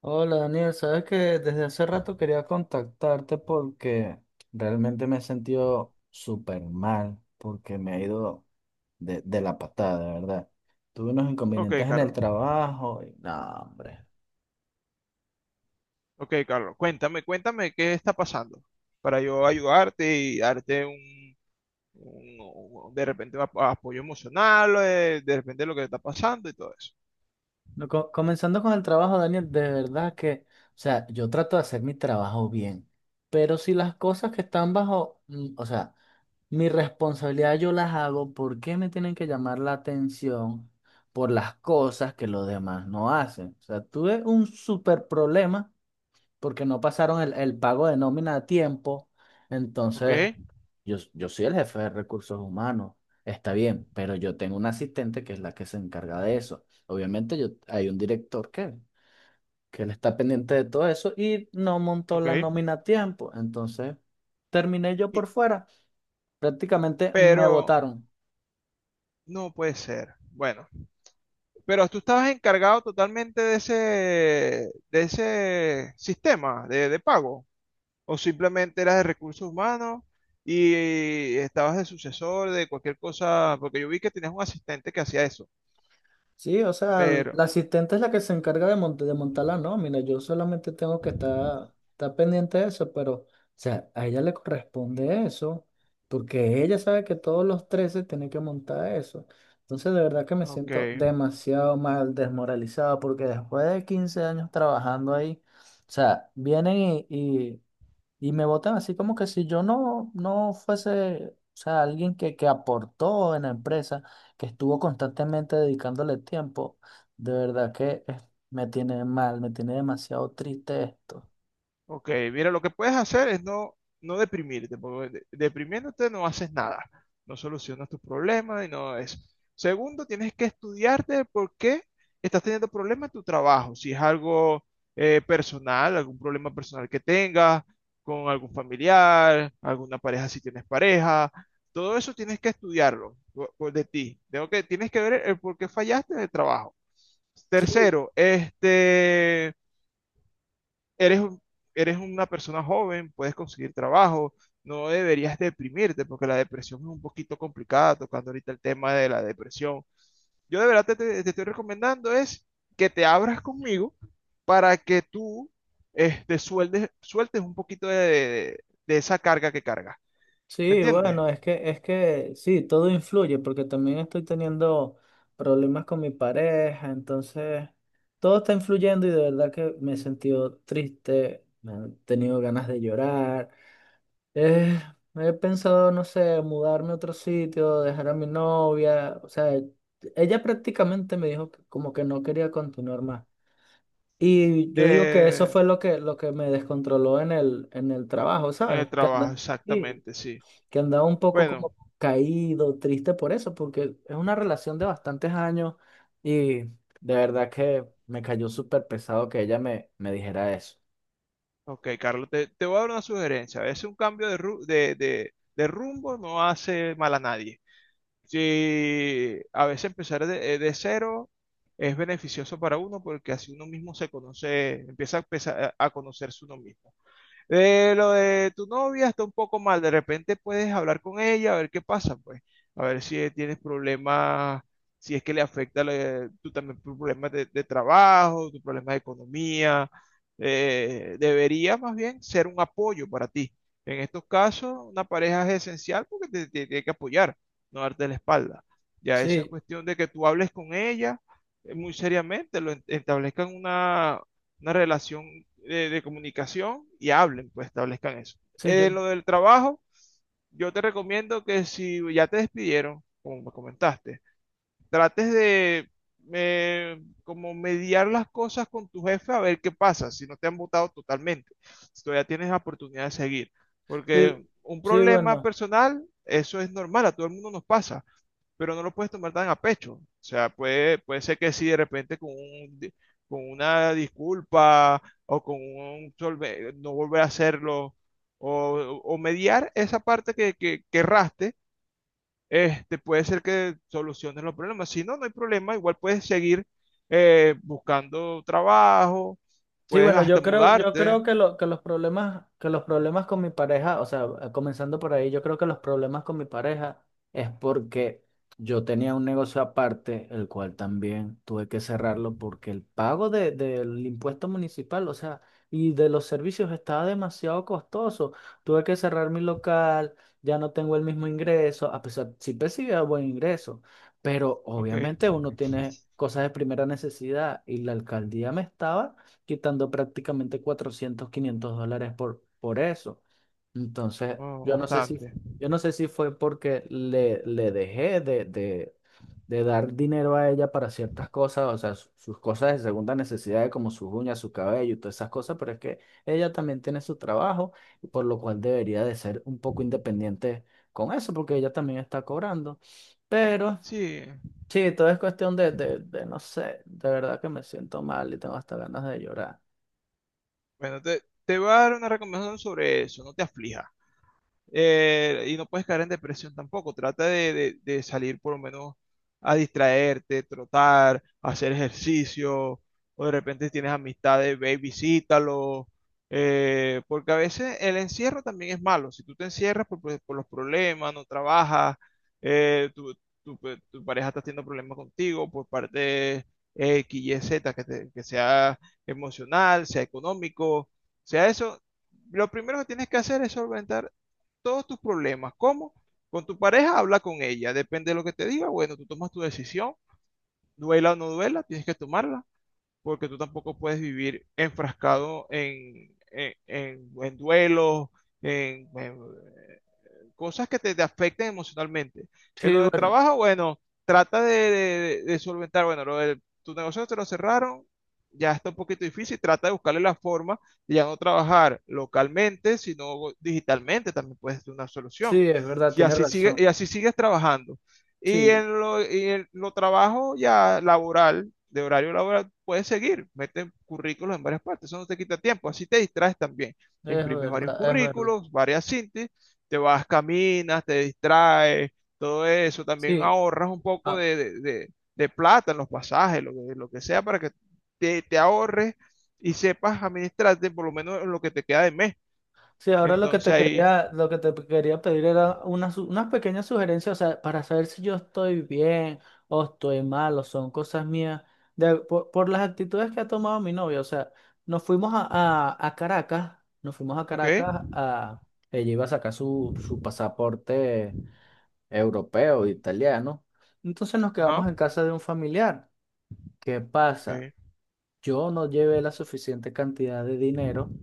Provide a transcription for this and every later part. Hola Daniel, sabes que desde hace rato quería contactarte porque realmente me he sentido súper mal, porque me ha ido de la patada, de verdad. Tuve unos Ok, inconvenientes en el Carlos. trabajo y no, hombre. Ok, Carlos. Cuéntame, cuéntame qué está pasando para yo ayudarte y darte un- de repente un apoyo emocional, de repente lo que está pasando y todo eso. No, comenzando con el trabajo, Daniel, de verdad que, o sea, yo trato de hacer mi trabajo bien, pero si las cosas que están bajo, o sea, mi responsabilidad yo las hago, ¿por qué me tienen que llamar la atención por las cosas que los demás no hacen? O sea, tuve un súper problema porque no pasaron el pago de nómina a tiempo. Ok, Entonces, yo soy el jefe de recursos humanos, está bien, pero yo tengo una asistente que es la que se encarga de eso. Obviamente, yo, hay un director que él está pendiente de todo eso y no montó ok. la nómina a tiempo. Entonces, terminé yo Y- por fuera. Prácticamente me pero votaron. no puede ser. Bueno, pero tú estabas encargado totalmente de ese sistema de pago o simplemente eras de recursos humanos. Y estabas de sucesor de cualquier cosa, porque yo vi que tenías un asistente que hacía eso. Sí, o sea, Pero, la asistente es la que se encarga de montar la nómina. Yo solamente tengo que estar pendiente de eso, pero, o sea, a ella le corresponde eso, porque ella sabe que todos los 13 tienen que montar eso. Entonces, de verdad que me siento ok, demasiado mal, desmoralizado, porque después de 15 años trabajando ahí, o sea, vienen y me votan así como que si yo no fuese, o sea, alguien que aportó en la empresa, que estuvo constantemente dedicándole tiempo, de verdad que me tiene mal, me tiene demasiado triste esto. ok. Mira, lo que puedes hacer es no deprimirte, porque deprimiéndote no haces nada, no solucionas tus problemas y no es. Segundo, tienes que estudiarte el por qué estás teniendo problemas en tu trabajo, si es algo personal, algún problema personal que tengas con algún familiar, alguna pareja si tienes pareja, todo eso tienes que estudiarlo por de ti. Tienes que ver el por qué fallaste en el trabajo. Sí, Tercero, eres, eres una persona joven, puedes conseguir trabajo, no deberías deprimirte porque la depresión es un poquito complicada, tocando ahorita el tema de la depresión. Yo de verdad te estoy recomendando es que te abras conmigo para que tú sueltes un poquito de, de esa carga que cargas. ¿Me sí, entiendes? bueno, es que sí, todo influye porque también estoy teniendo problemas con mi pareja, entonces todo está influyendo y de verdad que me he sentido triste, me han tenido ganas de llorar. Eh, he pensado, no sé, mudarme a otro sitio, dejar a mi novia. O sea, ella prácticamente me dijo que como que no quería continuar más. Y yo digo que eso Eh, fue lo que me descontroló en el trabajo, en ¿sabes? el trabajo, Sí, exactamente, sí. que andaba un poco Bueno, como caído, triste por eso, porque es una relación de bastantes años y de verdad que me cayó súper pesado que ella me dijera eso. ok, Carlos, te voy a dar una sugerencia. A veces un cambio de, de rumbo no hace mal a nadie. Sí, a veces empezar de cero es beneficioso para uno porque así uno mismo se conoce, empieza a, a conocerse uno mismo. Lo de tu novia está un poco mal. De repente puedes hablar con ella, a ver qué pasa, pues. A ver si tienes problemas, si es que tú también tu problema de trabajo, tu problema de economía. Debería más bien ser un apoyo para ti. En estos casos, una pareja es esencial porque te tiene que apoyar, no darte la espalda. Ya eso es Sí, cuestión de que tú hables con ella muy seriamente, establezcan una relación de comunicación y hablen, pues establezcan eso. sí, yo, En lo del trabajo, yo te recomiendo que si ya te despidieron, como me comentaste, trates de como mediar las cosas con tu jefe a ver qué pasa, si no te han votado totalmente, si todavía tienes la oportunidad de seguir. sí, Porque un sí, problema bueno. personal, eso es normal, a todo el mundo nos pasa pero no lo puedes tomar tan a pecho. O sea, puede ser que si de repente con con una disculpa o con un no volver a hacerlo o mediar esa parte que erraste, puede ser que soluciones los problemas. Si no, no hay problema, igual puedes seguir buscando trabajo, Sí, puedes bueno, hasta yo creo, yo mudarte. creo que, que los problemas con mi pareja, o sea, comenzando por ahí, yo creo que los problemas con mi pareja es porque yo tenía un negocio aparte, el cual también tuve que cerrarlo porque el pago del impuesto municipal, o sea, y de los servicios estaba demasiado costoso. Tuve que cerrar mi local, ya no tengo el mismo ingreso, a pesar, sí percibía buen ingreso, pero Ok, obviamente uno tiene cosas de primera necesidad y la alcaldía me estaba quitando prácticamente 400 $500 por eso. Entonces, oh, yo no sé si, bastante. yo no sé si fue porque le dejé de dar dinero a ella para ciertas cosas, o sea, sus cosas de segunda necesidad, como sus uñas, su cabello y todas esas cosas, pero es que ella también tiene su trabajo, por lo cual debería de ser un poco independiente con eso, porque ella también está cobrando. Pero... Sí, Sí, todo es cuestión de, no sé, de verdad que me siento mal y tengo hasta ganas de llorar. bueno, te voy a dar una recomendación sobre eso, no te aflijas. Y no puedes caer en depresión tampoco. Trata de, de salir por lo menos a distraerte, trotar, hacer ejercicio, o de repente tienes amistades, ve y visítalo. Porque a veces el encierro también es malo. Si tú te encierras por, por los problemas, no trabajas, eh, tu, pues, tu pareja está teniendo problemas contigo por parte X, Y, Z, que, que sea emocional, sea económico, sea eso. Lo primero que tienes que hacer es solventar todos tus problemas. ¿Cómo? Con tu pareja, habla con ella. Depende de lo que te diga. Bueno, tú tomas tu decisión. Duela o no duela, tienes que tomarla. Porque tú tampoco puedes vivir enfrascado en duelos, en, en- cosas que te afecten emocionalmente. En Sí, lo del bueno, trabajo, bueno, trata de, de solventar, bueno, lo del, tu negocio te lo cerraron, ya está un poquito difícil, trata de buscarle la forma de ya no trabajar localmente, sino digitalmente, también puede ser una solución. sí, es verdad, Y tienes así sigue, y razón. así sigues trabajando. Sí, Y en lo trabajo ya laboral, de horario laboral, puedes seguir, mete currículos en varias partes, eso no te quita tiempo, así te distraes también es imprimes varios verdad, es verdad. currículos, varias síntesis te vas, caminas, te distraes, todo eso. También Sí, ahorras un poco ah, de, de plata en los pasajes, lo que sea, para que te ahorres y sepas administrarte por lo menos en lo que te queda de mes. sí, ahora lo que Entonces te ahí, quería, lo que te quería pedir era unas unas pequeñas sugerencias, o sea, para saber si yo estoy bien o estoy mal o son cosas mías, de- por las actitudes que ha tomado mi novia. O sea, nos fuimos a Caracas, nos fuimos a ok, Caracas a... Ella iba a sacar su pasaporte europeo, italiano. Entonces nos ajá, quedamos en casa de un familiar. ¿Qué pasa? ok, Yo no llevé la suficiente cantidad de dinero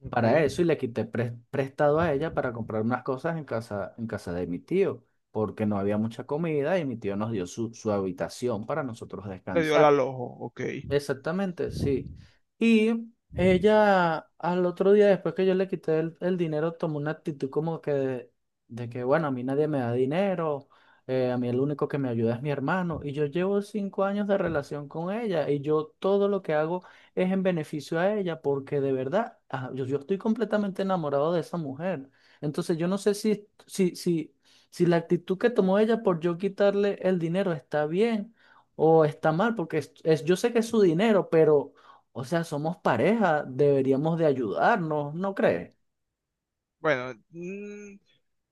ok. para eso y le quité prestado a ella para comprar unas cosas en casa de mi tío, porque no había mucha comida y mi tío nos dio su, su habitación para nosotros Le dio al descansar. alojo, ok. Exactamente, sí. Y ella al otro día, después que yo le quité el dinero, tomó una actitud como que de que, bueno, a mí nadie me da dinero, a mí el único que me ayuda es mi hermano. Y yo llevo 5 años de relación con ella y yo todo lo que hago es en beneficio a ella porque de verdad, ah, yo estoy completamente enamorado de esa mujer. Entonces yo no sé si la actitud que tomó ella por yo quitarle el dinero está bien o está mal, porque es- yo sé que es su dinero, pero, o sea, somos pareja, deberíamos de ayudarnos, ¿no crees? Bueno,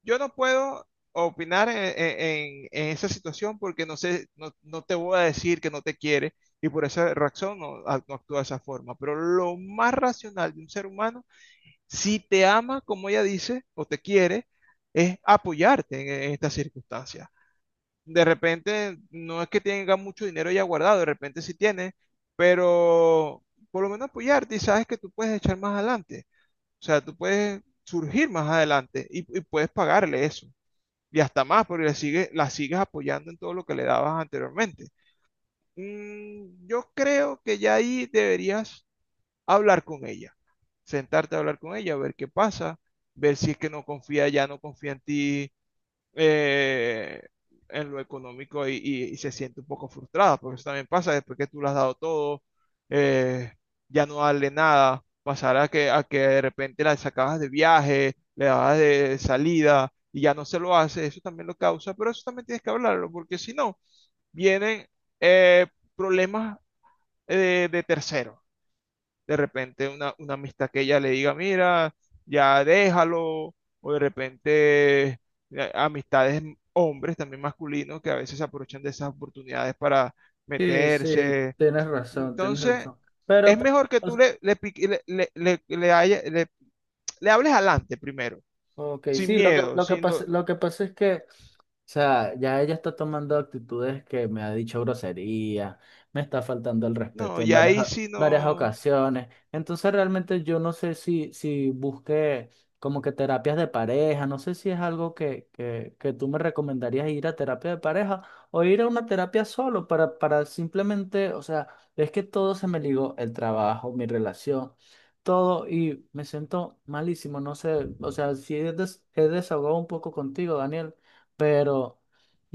yo no puedo opinar en esa situación porque no sé, no te voy a decir que no te quiere y por esa razón no, no actúa de esa forma. Pero lo más racional de un ser humano, si te ama como ella dice o te quiere, es apoyarte en estas circunstancias. De repente, no es que tenga mucho dinero ya guardado, de repente sí tiene, pero por lo menos apoyarte y sabes que tú puedes echar más adelante. O sea, tú puedes surgir más adelante y puedes pagarle eso. Y hasta más, porque le sigue, la sigues apoyando en todo lo que le dabas anteriormente. Mm, yo creo que ya ahí deberías hablar con ella, sentarte a hablar con ella, ver qué pasa, ver si es que no confía, ya no confía en ti, eh, en lo económico y, y se siente un poco frustrada, porque eso también pasa después que tú le has dado todo, eh, ya no darle nada, pasar a que de repente la sacabas de viaje, le dabas de salida y ya no se lo hace, eso también lo causa, pero eso también tienes que hablarlo, porque si no, vienen eh, problemas de terceros de repente una amistad que ella le diga, mira, ya déjalo, o de repente amistades hombres también masculinos que a veces se aprovechan de esas oportunidades para Sí, sí, meterse. tienes razón, tienes Entonces, razón. Pero, es pero, mejor que o- tú le, le, pique- le haya- le- le hables adelante primero, ok, sin sí, lo que, miedo, lo que sin... pasa, lo que pasa es que sea, ya ella está tomando actitudes que me ha dicho grosería, me está faltando el No, respeto en y varias, ahí sí varias no... ocasiones. Entonces realmente yo no sé si busqué como que terapias de pareja, no sé si es algo que tú me recomendarías ir a terapia de pareja o ir a una terapia solo para simplemente, o sea, es que todo se me ligó, el trabajo, mi relación. Todo y me siento malísimo, no sé, o sea, si he, he desahogado un poco contigo, Daniel, pero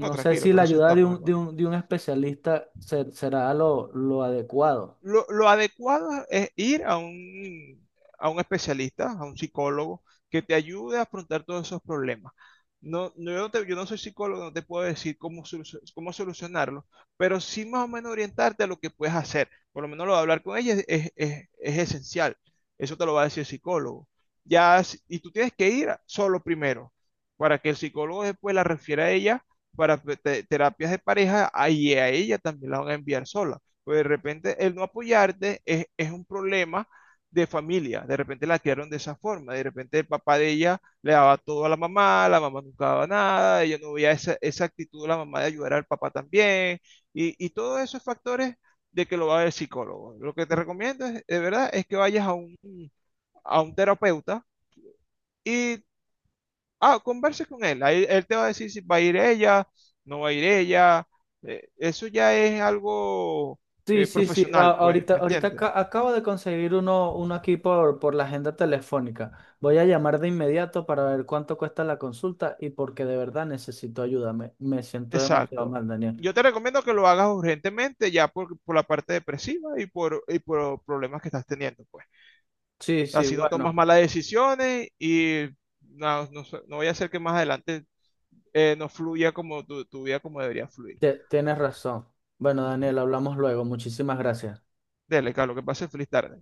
No, sé tranquilo, si la por eso ayuda de estamos, un, de hermano. un, de un especialista será lo adecuado. Lo adecuado es ir a un especialista, a un psicólogo, que te ayude a afrontar todos esos problemas. No, no, yo, yo no soy psicólogo, no te puedo decir cómo solucionarlo, pero sí más o menos orientarte a lo que puedes hacer. Por lo menos lo de hablar con ella es esencial. Eso te lo va a decir el psicólogo. Ya, y tú tienes que ir solo primero, para que el psicólogo después la refiera a ella para terapias de pareja, ahí a ella también la van a enviar sola. Pues de repente el no apoyarte es un problema de familia. De repente la criaron de esa forma. De repente el papá de ella le daba todo a la mamá nunca daba nada, ella no veía esa, esa actitud de la mamá de ayudar al papá también. Y todos esos factores de que lo va a ver el psicólogo. Lo que te recomiendo es, de verdad es que vayas a un terapeuta y Ah, converse con él. Ahí él te va a decir si va a ir ella, no va a ir ella. Eso ya es algo Sí, sí, sí. a- profesional, pues, ahorita, ¿me ahorita entiendes? aca- acabo de conseguir uno aquí por la agenda telefónica. Voy a llamar de inmediato para ver cuánto cuesta la consulta y porque de verdad necesito ayuda. Me siento demasiado Exacto. mal, Daniel. Yo te recomiendo que lo hagas urgentemente ya por la parte depresiva y por los problemas que estás teniendo, pues. Sí, sí, Así no tomas bueno, malas decisiones y no, sé, no vaya a ser que más adelante no fluya como tu vida como debería fluir. te- tienes razón. Bueno, Ujú. Daniel, hablamos luego. Muchísimas gracias. Dele, Carlos, que pase feliz tarde.